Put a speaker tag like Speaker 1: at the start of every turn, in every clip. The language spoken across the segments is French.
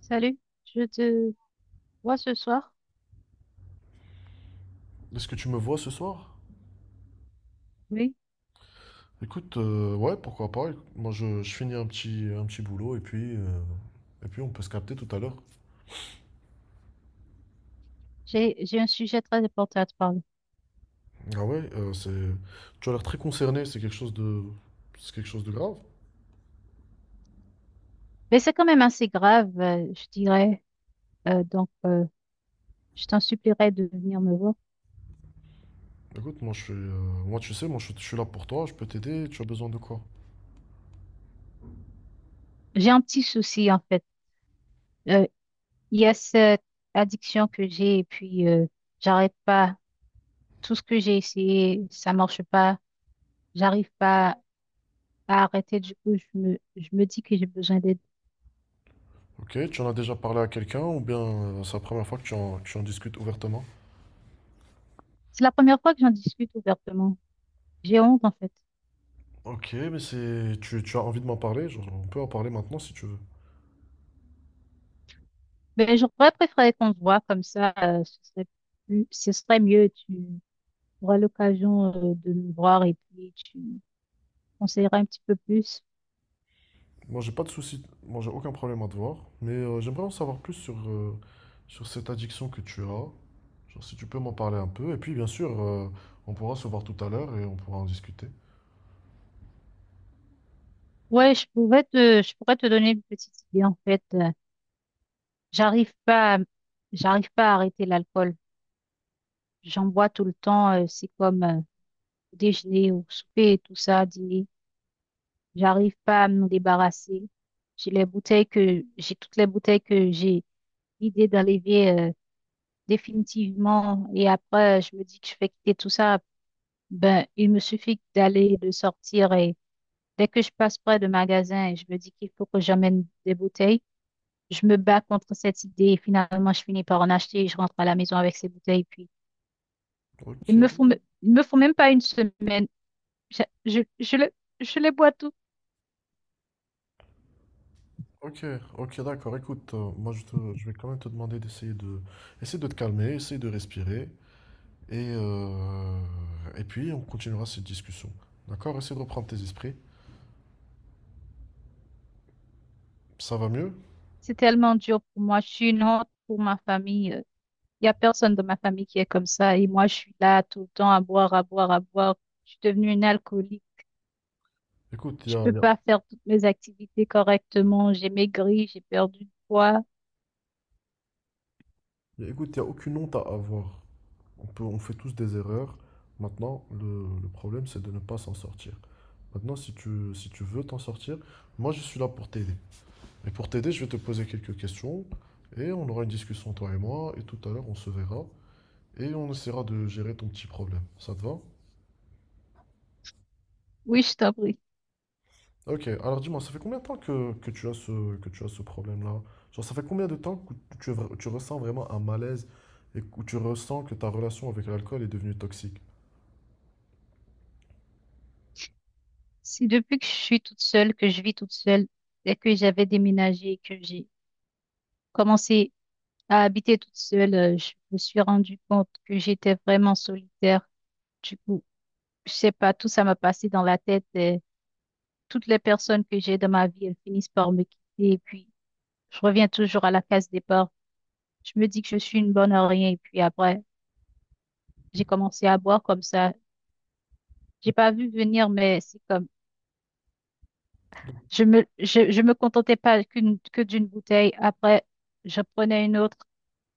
Speaker 1: Salut, je te vois ce soir.
Speaker 2: Est-ce que tu me vois ce soir?
Speaker 1: Oui,
Speaker 2: Écoute, ouais, pourquoi pas. Moi, je finis un petit boulot et puis on peut se capter tout à l'heure.
Speaker 1: j'ai un sujet très important à te parler.
Speaker 2: Ah ouais, c'est, tu as l'air très concerné, c'est quelque chose de, c'est quelque chose de grave.
Speaker 1: Mais c'est quand même assez grave, je dirais. Donc, je t'en supplierai de venir me voir.
Speaker 2: Écoute, moi, je suis, moi, tu sais, moi, je suis là pour toi, je peux t'aider, tu as besoin de quoi?
Speaker 1: J'ai un petit souci en fait. Euh, il y a cette addiction que j'ai et puis j'arrête pas. Tout ce que j'ai essayé, ça marche pas. J'arrive pas à arrêter. Du coup, je me dis que j'ai besoin d'aide.
Speaker 2: Ok, tu en as déjà parlé à quelqu'un ou bien c'est la première fois que tu en discutes ouvertement?
Speaker 1: C'est la première fois que j'en discute ouvertement. J'ai honte en fait.
Speaker 2: Ok, mais c'est, tu as envie de m'en parler, genre, on peut en parler maintenant si tu veux.
Speaker 1: Ben, j'aurais préféré qu'on se voit comme ça, ce serait ce serait mieux. Tu auras l'occasion, de nous voir et puis tu me conseilleras un petit peu plus.
Speaker 2: Moi, j'ai pas de souci, moi, j'ai aucun problème à te voir, mais j'aimerais en savoir plus sur, sur cette addiction que tu as. Genre, si tu peux m'en parler un peu, et puis bien sûr, on pourra se voir tout à l'heure et on pourra en discuter.
Speaker 1: Ouais, je pourrais te donner une petite idée en fait. J'arrive pas, à- j'arrive pas à arrêter l'alcool. J'en bois tout le temps. C'est comme déjeuner ou souper et tout ça, dîner. J'arrive pas à m'en débarrasser. J'ai toutes les bouteilles que j'ai vidées dans l'évier. Définitivement. Et après, je me dis que je vais quitter tout ça. Ben, il me suffit d'aller, de sortir. Et dès que je passe près de magasin et je me dis qu'il faut que j'amène des bouteilles, je me bats contre cette idée. Et finalement, je finis par en acheter et je rentre à la maison avec ces bouteilles. Puis,
Speaker 2: Ok,
Speaker 1: il me faut même pas une semaine. Je, je, je, les- je les bois toutes.
Speaker 2: ok, ok, d'accord. Écoute, moi, je vais quand même te demander d'essayer de, essayer de te calmer, essayer de respirer, et, euh, et puis on continuera cette discussion. D'accord? Essaye de reprendre tes esprits. Ça va mieux?
Speaker 1: C'est tellement dur pour moi. Je suis une honte pour ma famille. Il y a personne dans ma famille qui est comme ça. Et moi, je suis là tout le temps à boire, à boire, à boire. Je suis devenue une alcoolique.
Speaker 2: Écoute, il y
Speaker 1: Je
Speaker 2: a,
Speaker 1: peux
Speaker 2: y a-
Speaker 1: pas faire toutes mes activités correctement. J'ai maigri, j'ai perdu du poids.
Speaker 2: y a- écoute, y a aucune honte à avoir. On peut, on fait tous des erreurs. Maintenant, le problème, c'est de ne pas s'en sortir. Maintenant, si tu, si tu veux t'en sortir, moi, je suis là pour t'aider. Et pour t'aider, je vais te poser quelques questions et on aura une discussion, toi et moi. Et tout à l'heure, on se verra et on essaiera de gérer ton petit problème. Ça te va?
Speaker 1: Oui, je t'en prie.
Speaker 2: Ok, alors dis-moi, ça fait combien de temps que tu as ce, que tu as ce problème-là? Genre, ça fait combien de temps que tu, tu ressens vraiment un malaise et que tu ressens que ta relation avec l'alcool est devenue toxique?
Speaker 1: C'est depuis que je suis toute seule, que je vis toute seule, dès que j'avais déménagé que j'ai commencé à habiter toute seule, je me suis rendu compte que j'étais vraiment solitaire. Du coup, je sais pas, tout ça m'a passé dans la tête. Et toutes les personnes que j'ai dans ma vie, elles finissent par me quitter. Et puis, je reviens toujours à la case départ. Je me dis que je suis une bonne à rien. Et puis après, j'ai commencé à boire comme ça. J'ai pas vu venir, mais c'est comme je me contentais pas qu'une que d'une bouteille. Après, je prenais une autre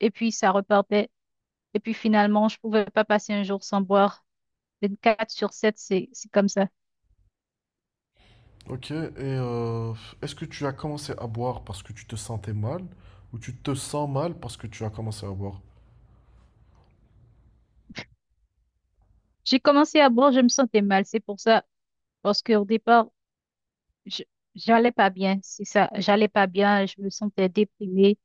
Speaker 1: et puis ça repartait. Et puis finalement, je pouvais pas passer un jour sans boire. Quatre sur 7 c'est comme ça.
Speaker 2: Ok, et est-ce que tu as commencé à boire parce que tu te sentais mal ou tu te sens mal parce que tu as commencé à boire?
Speaker 1: J'ai commencé à boire, je me sentais mal. C'est pour ça, parce qu'au départ, je- j'allais pas bien. C'est ça, j'allais pas bien. Je me sentais déprimée.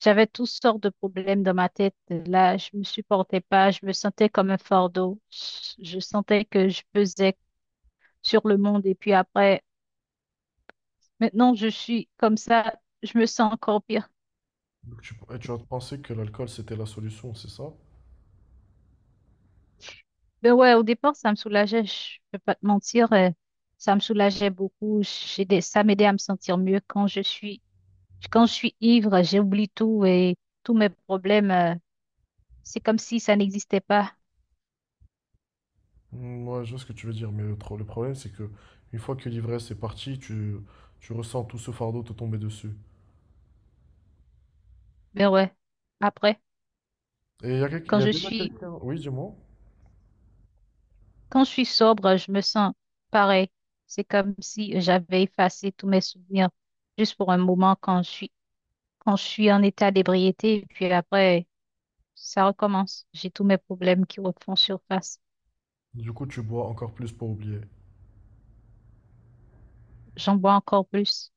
Speaker 1: J'avais toutes sortes de problèmes dans ma tête. Là, je me supportais pas. Je me sentais comme un fardeau. Je sentais que je pesais sur le monde. Et puis après, maintenant, je suis comme ça, je me sens encore pire.
Speaker 2: Donc tu, et tu as pensé que l'alcool c'était la solution, c'est ça?
Speaker 1: Ben ouais, au départ, ça me soulageait, je peux pas te mentir, ça me soulageait beaucoup. Ça m'aidait à me sentir mieux quand je suis ivre, j'oublie tout et tous mes problèmes, c'est comme si ça n'existait pas.
Speaker 2: Moi, je vois ce que tu veux dire, mais le problème c'est que une fois que l'ivresse est partie, tu ressens tout ce fardeau te tomber dessus.
Speaker 1: Ben ouais, après,
Speaker 2: Et il y
Speaker 1: quand
Speaker 2: a
Speaker 1: je
Speaker 2: déjà
Speaker 1: suis,
Speaker 2: quelqu'un, oui, dis-moi.
Speaker 1: quand je suis sobre, je me sens pareil. C'est comme si j'avais effacé tous mes souvenirs juste pour un moment quand je suis en état d'ébriété, et puis après, ça recommence. J'ai tous mes problèmes qui refont surface.
Speaker 2: Du coup, tu bois encore plus pour oublier.
Speaker 1: J'en bois encore plus.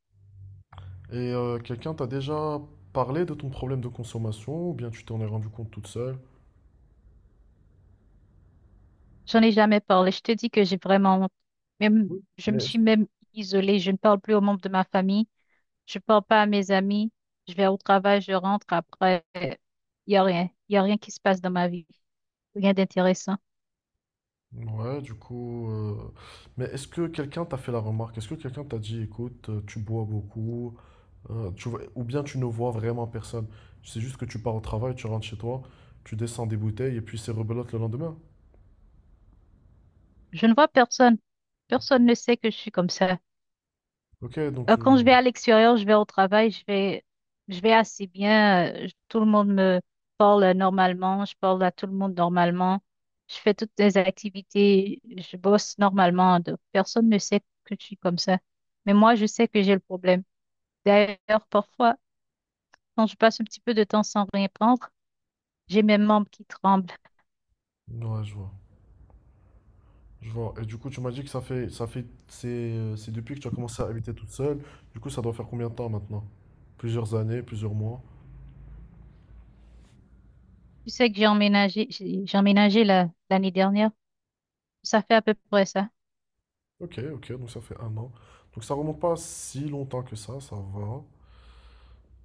Speaker 2: Et quelqu'un t'a déjà parlé de ton problème de consommation ou bien tu t'en es rendu compte toute seule?
Speaker 1: J'en ai jamais parlé. Je te dis que j'ai vraiment honte. Même,
Speaker 2: Oui.
Speaker 1: je me
Speaker 2: Mais
Speaker 1: suis même isolée. Je ne parle plus aux membres de ma famille. Je parle pas à mes amis. Je vais au travail, je rentre après. Il y a rien. Il y a rien qui se passe dans ma vie. Rien d'intéressant.
Speaker 2: ouais, du coup. Mais est-ce que quelqu'un t'a fait la remarque? Est-ce que quelqu'un t'a dit, écoute, tu bois beaucoup, ou bien tu ne vois vraiment personne? C'est juste que tu pars au travail, tu rentres chez toi, tu descends des bouteilles et puis c'est rebelote le lendemain.
Speaker 1: Je ne vois personne. Personne ne sait que je suis comme ça.
Speaker 2: Ok, donc.
Speaker 1: Quand je vais à l'extérieur, je vais au travail, je vais assez bien. Tout le monde me parle normalement, je parle à tout le monde normalement. Je fais toutes les activités, je bosse normalement. Donc personne ne sait que je suis comme ça. Mais moi, je sais que j'ai le problème. D'ailleurs, parfois, quand je passe un petit peu de temps sans rien prendre, j'ai mes membres qui tremblent.
Speaker 2: Ouais, je vois. Je vois. Et du coup, tu m'as dit que ça fait, c'est depuis que tu as commencé à habiter toute seule. Du coup, ça doit faire combien de temps maintenant? Plusieurs années, plusieurs mois.
Speaker 1: Tu sais que j'ai emménagé l'année dernière. Ça fait à peu près ça.
Speaker 2: Ok, ok, donc ça fait 1 an. Donc ça remonte pas si longtemps que ça va.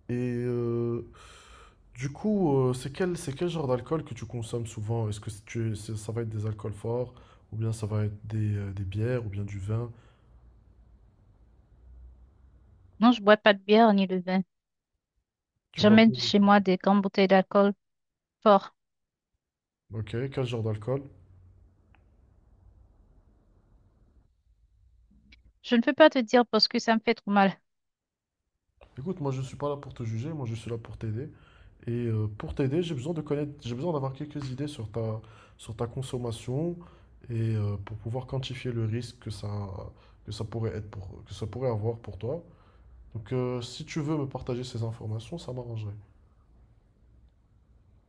Speaker 2: Et, euh, du coup, c'est quel genre d'alcool que tu consommes souvent? Est-ce que ça va être des alcools forts, ou bien ça va être des bières, ou bien du vin?
Speaker 1: Non, je bois pas de bière ni de vin.
Speaker 2: Tu bois
Speaker 1: J'emmène
Speaker 2: quoi?
Speaker 1: chez moi des grandes bouteilles d'alcool fort.
Speaker 2: Ok, quel genre d'alcool?
Speaker 1: Je ne peux pas te dire parce que ça me fait trop mal.
Speaker 2: Écoute, moi je suis pas là pour te juger, moi je suis là pour t'aider. Et pour t'aider, j'ai besoin de connaître, j'ai besoin d'avoir quelques idées sur ta consommation et pour pouvoir quantifier le risque que ça pourrait être pour, que ça pourrait avoir pour toi. Donc, si tu veux me partager ces informations, ça m'arrangerait.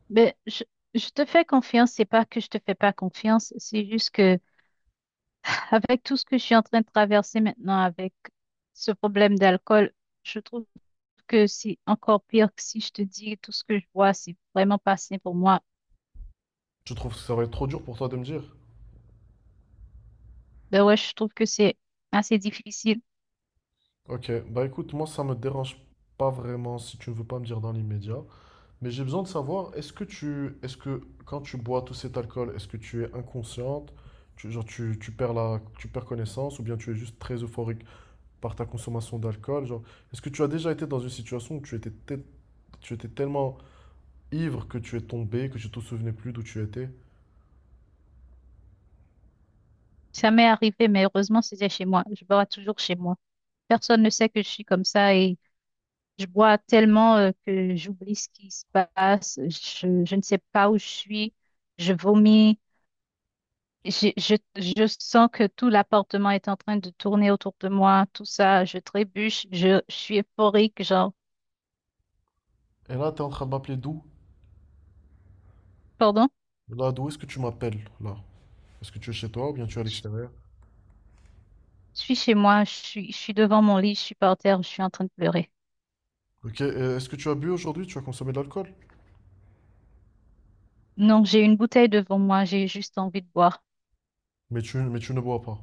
Speaker 1: Mais je te fais confiance, c'est pas que je te fais pas confiance, c'est juste que avec tout ce que je suis en train de traverser maintenant avec ce problème d'alcool, je trouve que c'est encore pire que si je te dis tout ce que je vois. C'est vraiment pas sain pour moi.
Speaker 2: Tu trouves que ça va être trop dur pour toi de me dire?
Speaker 1: Ben ouais, je trouve que c'est assez difficile.
Speaker 2: Ok, bah écoute, moi ça me dérange pas vraiment si tu ne veux pas me dire dans l'immédiat, mais j'ai besoin de savoir, est-ce que tu, est-ce que quand tu bois tout cet alcool, est-ce que tu es inconsciente, tu, genre tu, tu perds la, tu perds connaissance, ou bien tu es juste très euphorique par ta consommation d'alcool, genre, est-ce que tu as déjà été dans une situation où tu étais, tu étais tellement ivre que tu es tombé, que tu te souvenais plus d'où tu étais,
Speaker 1: Ça m'est arrivé, mais heureusement, c'était chez moi. Je bois toujours chez moi. Personne ne sait que je suis comme ça et je bois tellement que j'oublie ce qui se passe. Je ne sais pas où je suis. Je vomis. Je sens que tout l'appartement est en train de tourner autour de moi, tout ça, je trébuche, je suis euphorique, genre,
Speaker 2: et là tu es en train de m'appeler d'où?
Speaker 1: pardon,
Speaker 2: Là, d'où est-ce que tu m'appelles, là? Est-ce que tu es chez toi ou bien tu es à
Speaker 1: je,
Speaker 2: l'extérieur?
Speaker 1: je suis chez moi, je suis devant mon lit, je suis par terre, je suis en train de pleurer.
Speaker 2: Ok, et est-ce que tu as bu aujourd'hui? Tu as consommé de l'alcool?
Speaker 1: Non, j'ai une bouteille devant moi, j'ai juste envie de boire.
Speaker 2: Mais tu ne bois pas.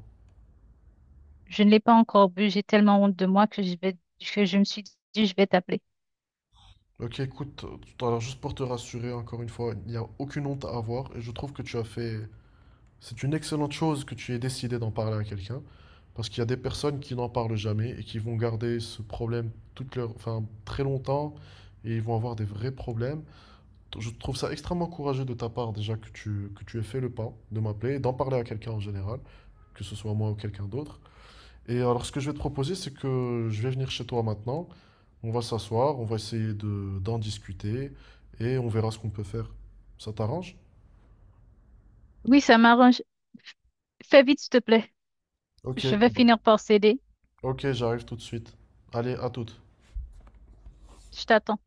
Speaker 1: Je ne l'ai pas encore bu, j'ai tellement honte de moi que que je me suis dit, je vais t'appeler.
Speaker 2: Ok, écoute, tout à l'heure, juste pour te rassurer, encore une fois, il n'y a aucune honte à avoir et je trouve que tu as fait... C'est une excellente chose que tu aies décidé d'en parler à quelqu'un parce qu'il y a des personnes qui n'en parlent jamais et qui vont garder ce problème toute leur... enfin, très longtemps et ils vont avoir des vrais problèmes. Je trouve ça extrêmement courageux de ta part déjà que tu aies fait le pas de m'appeler et d'en parler à quelqu'un en général, que ce soit moi ou quelqu'un d'autre. Et alors, ce que je vais te proposer, c'est que je vais venir chez toi maintenant. On va s'asseoir, on va essayer de d'en discuter et on verra ce qu'on peut faire. Ça t'arrange?
Speaker 1: Oui, ça m'arrange. Fais vite, s'il te plaît.
Speaker 2: Ok,
Speaker 1: Je vais finir par céder.
Speaker 2: ok, j'arrive tout de suite. Allez, à toute.
Speaker 1: Je t'attends.